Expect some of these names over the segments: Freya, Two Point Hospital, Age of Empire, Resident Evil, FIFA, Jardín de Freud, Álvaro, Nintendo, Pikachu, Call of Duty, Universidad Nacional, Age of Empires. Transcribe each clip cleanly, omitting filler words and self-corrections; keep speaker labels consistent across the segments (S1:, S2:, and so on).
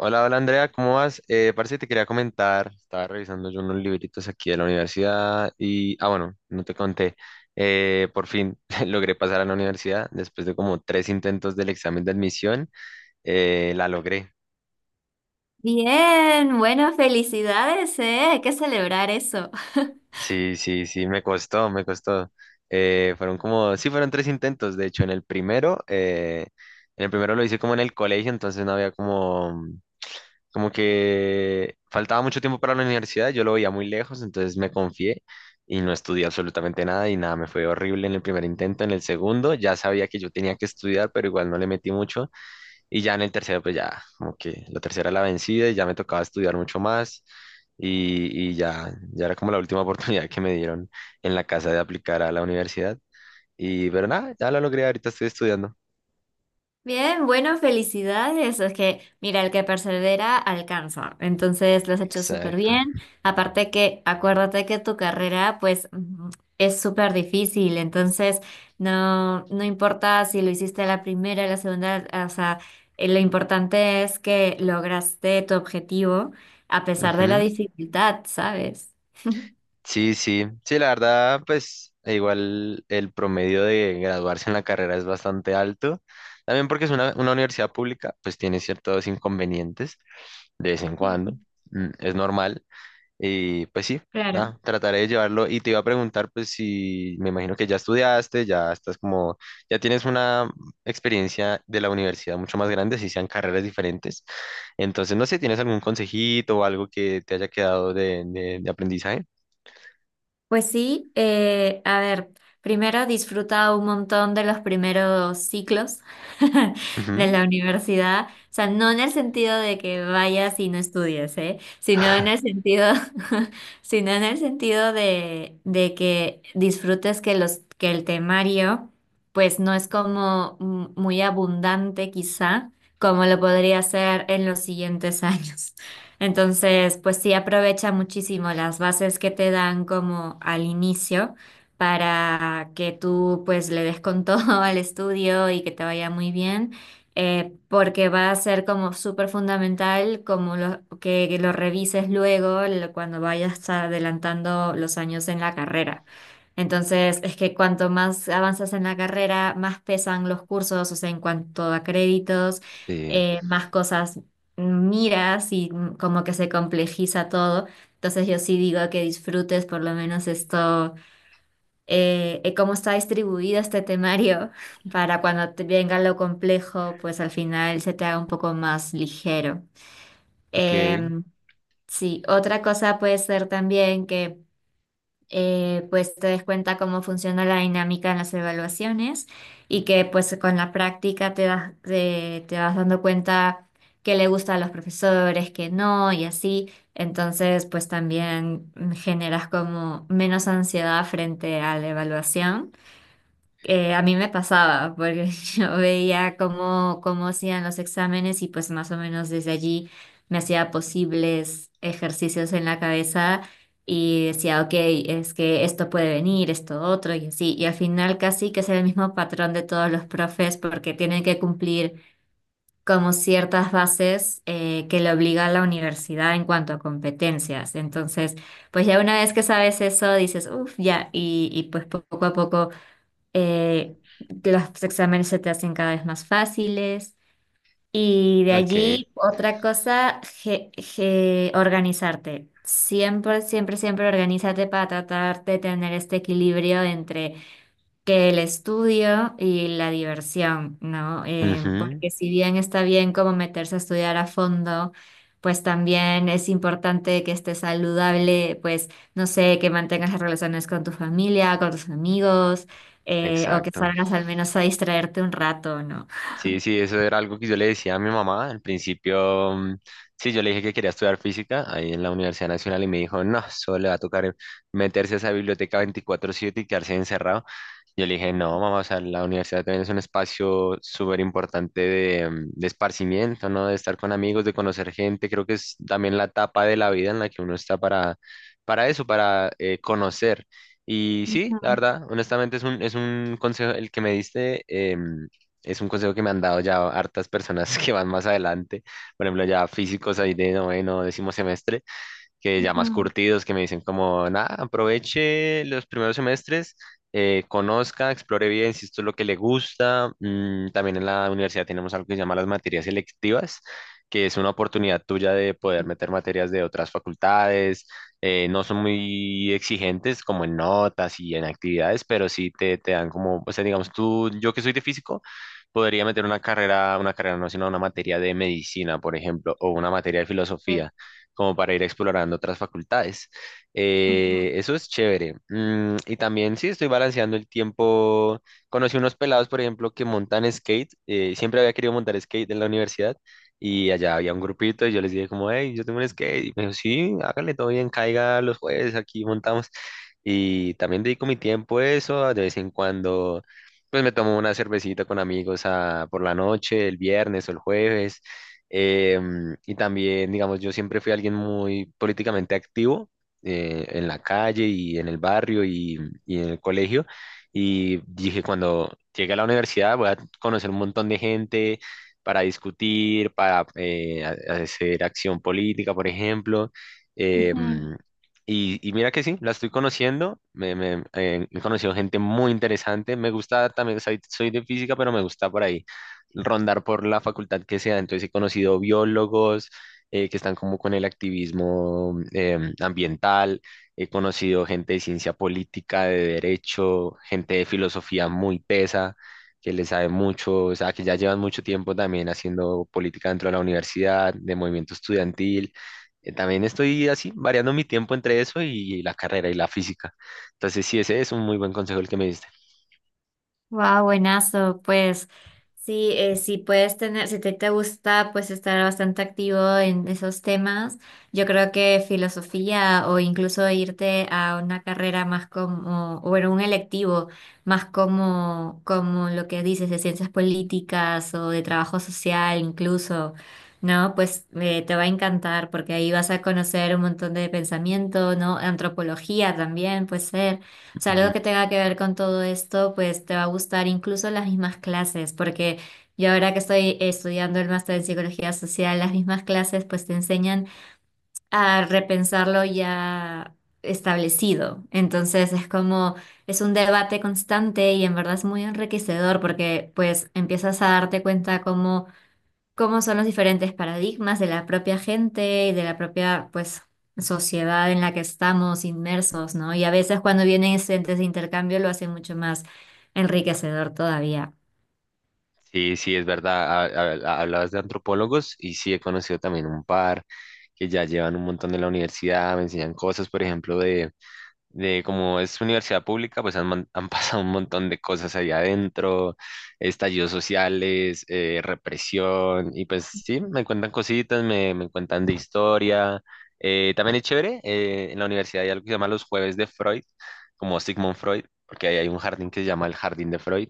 S1: Hola, hola Andrea, ¿cómo vas? Parece que te quería comentar, estaba revisando yo unos libritos aquí de la universidad y bueno, no te conté, por fin logré pasar a la universidad después de como tres intentos del examen de admisión, la logré.
S2: Bien, bueno, felicidades, ¿eh? Hay que celebrar eso.
S1: Sí, sí, sí, me costó, me costó. Fueron tres intentos, de hecho, en el primero lo hice como en el colegio, entonces no había como que faltaba mucho tiempo para la universidad, yo lo veía muy lejos, entonces me confié y no estudié absolutamente nada. Me fue horrible en el primer intento. En el segundo ya sabía que yo tenía que estudiar, pero igual no le metí mucho. Y ya en el tercero, pues ya como que la tercera la vencida y ya me tocaba estudiar mucho más, y ya era como la última oportunidad que me dieron en la casa de aplicar a la universidad. Pero nada, ya lo logré, ahorita estoy estudiando.
S2: Bien, bueno, felicidades. Es que, mira, el que persevera alcanza. Entonces, lo has hecho súper
S1: Exacto.
S2: bien. Aparte que, acuérdate que tu carrera, pues, es súper difícil. Entonces, no, no importa si lo hiciste a la primera, a la segunda, o sea, lo importante es que lograste tu objetivo a pesar de la
S1: Ujú.
S2: dificultad, ¿sabes?
S1: Sí, sí, sí, la verdad, pues igual el promedio de graduarse en la carrera es bastante alto. También porque es una universidad pública, pues tiene ciertos inconvenientes de vez en
S2: Mm.
S1: cuando, mm, es normal. Y pues sí,
S2: Claro.
S1: nada, trataré de llevarlo. Y te iba a preguntar, pues si me imagino que ya estudiaste, ya estás como, ya tienes una experiencia de la universidad mucho más grande, si sean carreras diferentes. Entonces, no sé, ¿tienes algún consejito o algo que te haya quedado de, de aprendizaje?
S2: Pues sí, a ver, primero he un montón de los primeros ciclos de
S1: Ujú.
S2: la universidad, o sea, no en el sentido de que vayas y no estudies, ¿eh? Sino en el sentido, sino en el sentido de que disfrutes que el temario, pues no es como muy abundante quizá, como lo podría ser en los siguientes años. Entonces, pues sí, aprovecha muchísimo las bases que te dan como al inicio para que tú pues le des con todo al estudio y que te vaya muy bien, porque va a ser como súper fundamental que lo revises cuando vayas adelantando los años en la carrera. Entonces, es que cuanto más avanzas en la carrera, más pesan los cursos, o sea, en cuanto a créditos
S1: Sí,
S2: más cosas miras y como que se complejiza todo. Entonces yo sí digo que disfrutes por lo menos esto, cómo está distribuido este temario para cuando te venga lo complejo, pues al final se te haga un poco más ligero.
S1: ok,
S2: Em, sí, otra cosa puede ser también que pues te des cuenta cómo funciona la dinámica en las evaluaciones y que pues con la práctica te vas dando cuenta qué le gusta a los profesores, qué no y así. Entonces pues también generas como menos ansiedad frente a la evaluación. A mí me pasaba, porque yo veía cómo hacían los exámenes y pues más o menos desde allí me hacía posibles ejercicios en la cabeza y decía, ok, es que esto puede venir, esto otro y así. Y al final casi que es el mismo patrón de todos los profes porque tienen que cumplir como ciertas bases que le obliga a la universidad en cuanto a competencias. Entonces, pues ya una vez que sabes eso, dices, uff, ya, y pues poco a poco eh, los exámenes se te hacen cada vez más fáciles. Y de
S1: ok.
S2: allí, otra cosa, organizarte. Siempre, siempre, siempre organízate para tratar de tener este equilibrio entre que el estudio y la diversión, ¿no?
S1: Ujú.
S2: Porque si bien está bien como meterse a estudiar a fondo, pues también es importante que estés saludable, pues no sé, que mantengas las relaciones con tu familia, con tus amigos, o que
S1: Exacto.
S2: salgas al menos a distraerte un rato, ¿no?
S1: Sí, sí, eso era algo que yo le decía a mi mamá. Al principio, mm, sí, yo le dije que quería estudiar física ahí en la Universidad Nacional y me dijo, no, solo le va a tocar meterse a esa biblioteca 24/7 y quedarse encerrado. Yo le dije, no, mamá, o sea, la universidad también es un espacio súper importante de, mm, de esparcimiento, ¿no? De estar con amigos, de conocer gente. Creo que es también la etapa de la vida en la que uno está para eso, para conocer. Y sí, la
S2: Ujú,
S1: verdad, honestamente es un consejo el que me diste. Es un consejo que me han dado ya hartas personas que van más adelante, por ejemplo, ya físicos ahí de noveno, décimo semestre, que ya más
S2: ujú.
S1: curtidos, que me dicen como, nada, aproveche los primeros semestres, conozca, explore bien si esto es lo que le gusta. Mm, también en la universidad tenemos algo que se llama las materias selectivas, que es una oportunidad tuya de poder meter materias de otras facultades. No son muy exigentes como en notas y en actividades, pero sí te dan como, o sea, digamos, tú, yo que soy de físico, podría meter una carrera no, sino una materia de medicina, por ejemplo, o una materia de
S2: Sí.
S1: filosofía como para ir explorando otras facultades.
S2: Ujú,
S1: Eso es chévere. Mm, y también sí estoy balanceando el tiempo. Conocí unos pelados, por ejemplo, que montan skate. Siempre había querido montar skate en la universidad y allá había un grupito y yo les dije como, hey, yo tengo un skate. Y me dijo, sí, hágale todo bien, caiga los jueves, aquí montamos. Y también dedico mi tiempo a eso, de vez en cuando, pues me tomo una cervecita con amigos por la noche, el viernes o el jueves. Eh, y también, digamos, yo siempre fui alguien muy políticamente activo en la calle y en el barrio y en el colegio. Y dije, cuando llegue a la universidad voy a conocer un montón de gente para discutir, para hacer acción política, por ejemplo.
S2: ujú.
S1: Em, y mira que sí, la estoy conociendo, he conocido gente muy interesante, me gusta también, soy de física, pero me gusta por ahí rondar por la facultad que sea. Entonces he conocido biólogos que están como con el activismo ambiental, he conocido gente de ciencia política, de derecho, gente de filosofía muy tesa, que le sabe mucho, o sea, que ya llevan mucho tiempo también haciendo política dentro de la universidad, de movimiento estudiantil. También estoy así, variando mi tiempo entre eso y la carrera y la física. Entonces sí, ese es un muy buen consejo el que me diste.
S2: Wow, buenazo, pues sí, si te gusta, pues estar bastante activo en esos temas, yo creo que filosofía o incluso irte a una carrera más como, o en un electivo, más como lo que dices de ciencias políticas o de trabajo social incluso, ¿no? Pues te va a encantar porque ahí vas a conocer un montón de pensamiento, ¿no? Antropología también puede ser. O sea,
S1: Ujú.
S2: algo que tenga que ver con todo esto, pues te va a gustar incluso las mismas clases, porque yo ahora que estoy estudiando el máster en psicología social, las mismas clases pues te enseñan a repensar lo ya establecido. Entonces es un debate constante y en verdad es muy enriquecedor porque pues empiezas a darte cuenta cómo son los diferentes paradigmas de la propia gente y de la propia, pues, sociedad en la que estamos inmersos, ¿no? Y a veces cuando vienen estudiantes de intercambio lo hacen mucho más enriquecedor todavía.
S1: Sí, sí, es verdad. Hablabas de antropólogos y sí he conocido también un par que ya llevan un montón de la universidad, me enseñan cosas, por ejemplo, de como es universidad pública, pues han pasado un montón de cosas ahí adentro, estallidos sociales, represión, y pues sí, me cuentan cositas, me cuentan de historia. También es chévere, en la universidad hay algo que se llama los jueves de Freud, como Sigmund Freud, porque ahí hay un jardín que se llama el Jardín de Freud,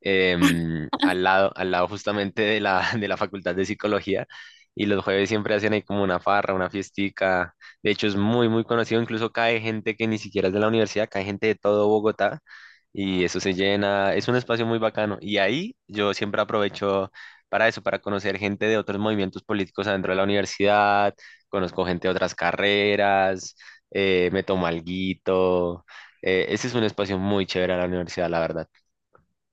S1: al lado justamente de la, de la Facultad de Psicología. Y los jueves siempre hacen ahí como una farra, una fiestica. De hecho, es muy, muy conocido. Incluso cae gente que ni siquiera es de la universidad, cae gente de todo Bogotá. Y eso se llena. Es un espacio muy bacano. Y ahí yo siempre aprovecho para eso, para conocer gente de otros movimientos políticos adentro de la universidad. Conozco gente de otras carreras. Me tomo alguito. Ese es un espacio muy chévere a la universidad, la verdad.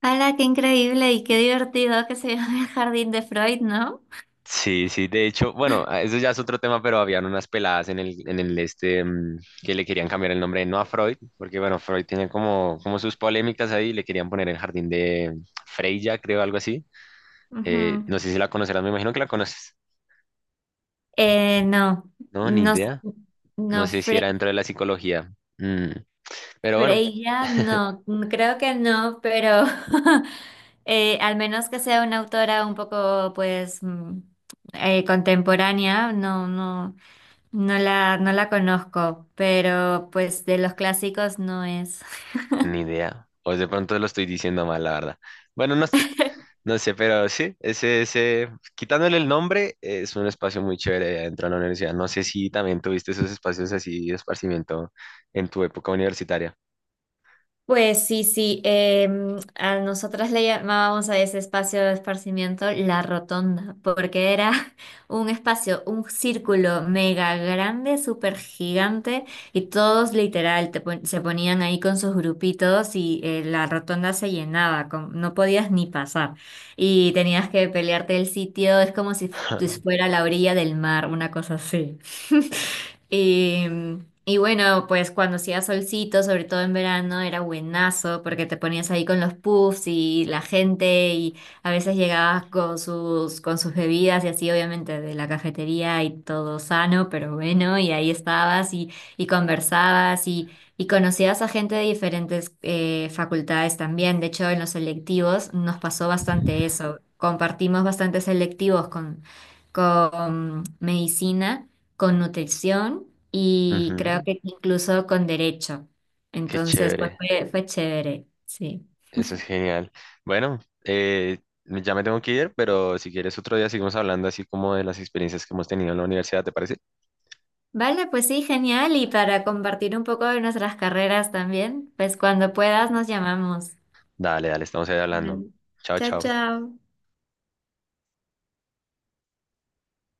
S2: ¡Hala! Qué increíble y qué divertido que se llama el Jardín de Freud, ¿no?
S1: Sí, sí, de hecho, bueno, eso ya es otro tema, pero habían unas peladas en el este, mm, que le querían cambiar el nombre, no a Freud, porque bueno, Freud tiene como, como sus polémicas ahí, le querían poner el jardín de Freya, creo, algo así.
S2: Ujú.
S1: No sé si la conocerás, me imagino que la conoces.
S2: No,
S1: No, ni
S2: no,
S1: idea. No
S2: no,
S1: sé si era dentro de la psicología. Mm, pero bueno,
S2: Freya, no, creo que no, pero Al menos que sea una autora un poco, pues, contemporánea, no, no, no la conozco, pero pues de los clásicos no es.
S1: ni idea. O de pronto lo estoy diciendo mal, la verdad. Bueno, no sé. No sé, pero sí, ese, quitándole el nombre, es un espacio muy chévere dentro de la universidad. No sé si también tuviste esos espacios así de esparcimiento en tu época universitaria.
S2: Pues sí, sí, a nosotras le llamábamos a ese espacio de esparcimiento la rotonda, porque era un espacio, un círculo mega grande, súper gigante, y todos literal se ponían ahí con sus grupitos y la rotonda se llenaba, no podías ni pasar, y tenías que pelearte el sitio, es como si fuera la orilla del mar, una cosa así. Y, y bueno, pues cuando hacía solcito, sobre todo en verano, era buenazo porque te ponías ahí con los puffs y la gente y a veces llegabas con sus bebidas y así, obviamente, de la cafetería y todo sano, pero bueno, y ahí estabas y conversabas y conocías a gente de diferentes facultades también. De hecho, en los selectivos nos pasó bastante eso. Compartimos bastantes selectivos con medicina con nutrición y creo
S1: Ujú.
S2: que incluso con derecho.
S1: Qué
S2: Entonces, pues
S1: chévere,
S2: fue chévere, sí.
S1: eso es genial. Bueno, eh, ya me tengo que ir, pero si quieres otro día seguimos hablando así como de las experiencias que hemos tenido en la universidad, ¿te parece?
S2: Vale, pues sí, genial. Y para compartir un poco de nuestras carreras también, pues cuando puedas nos llamamos.
S1: Dale, dale, estamos ahí hablando.
S2: Vale.
S1: Chao,
S2: Chao,
S1: chao.
S2: chao.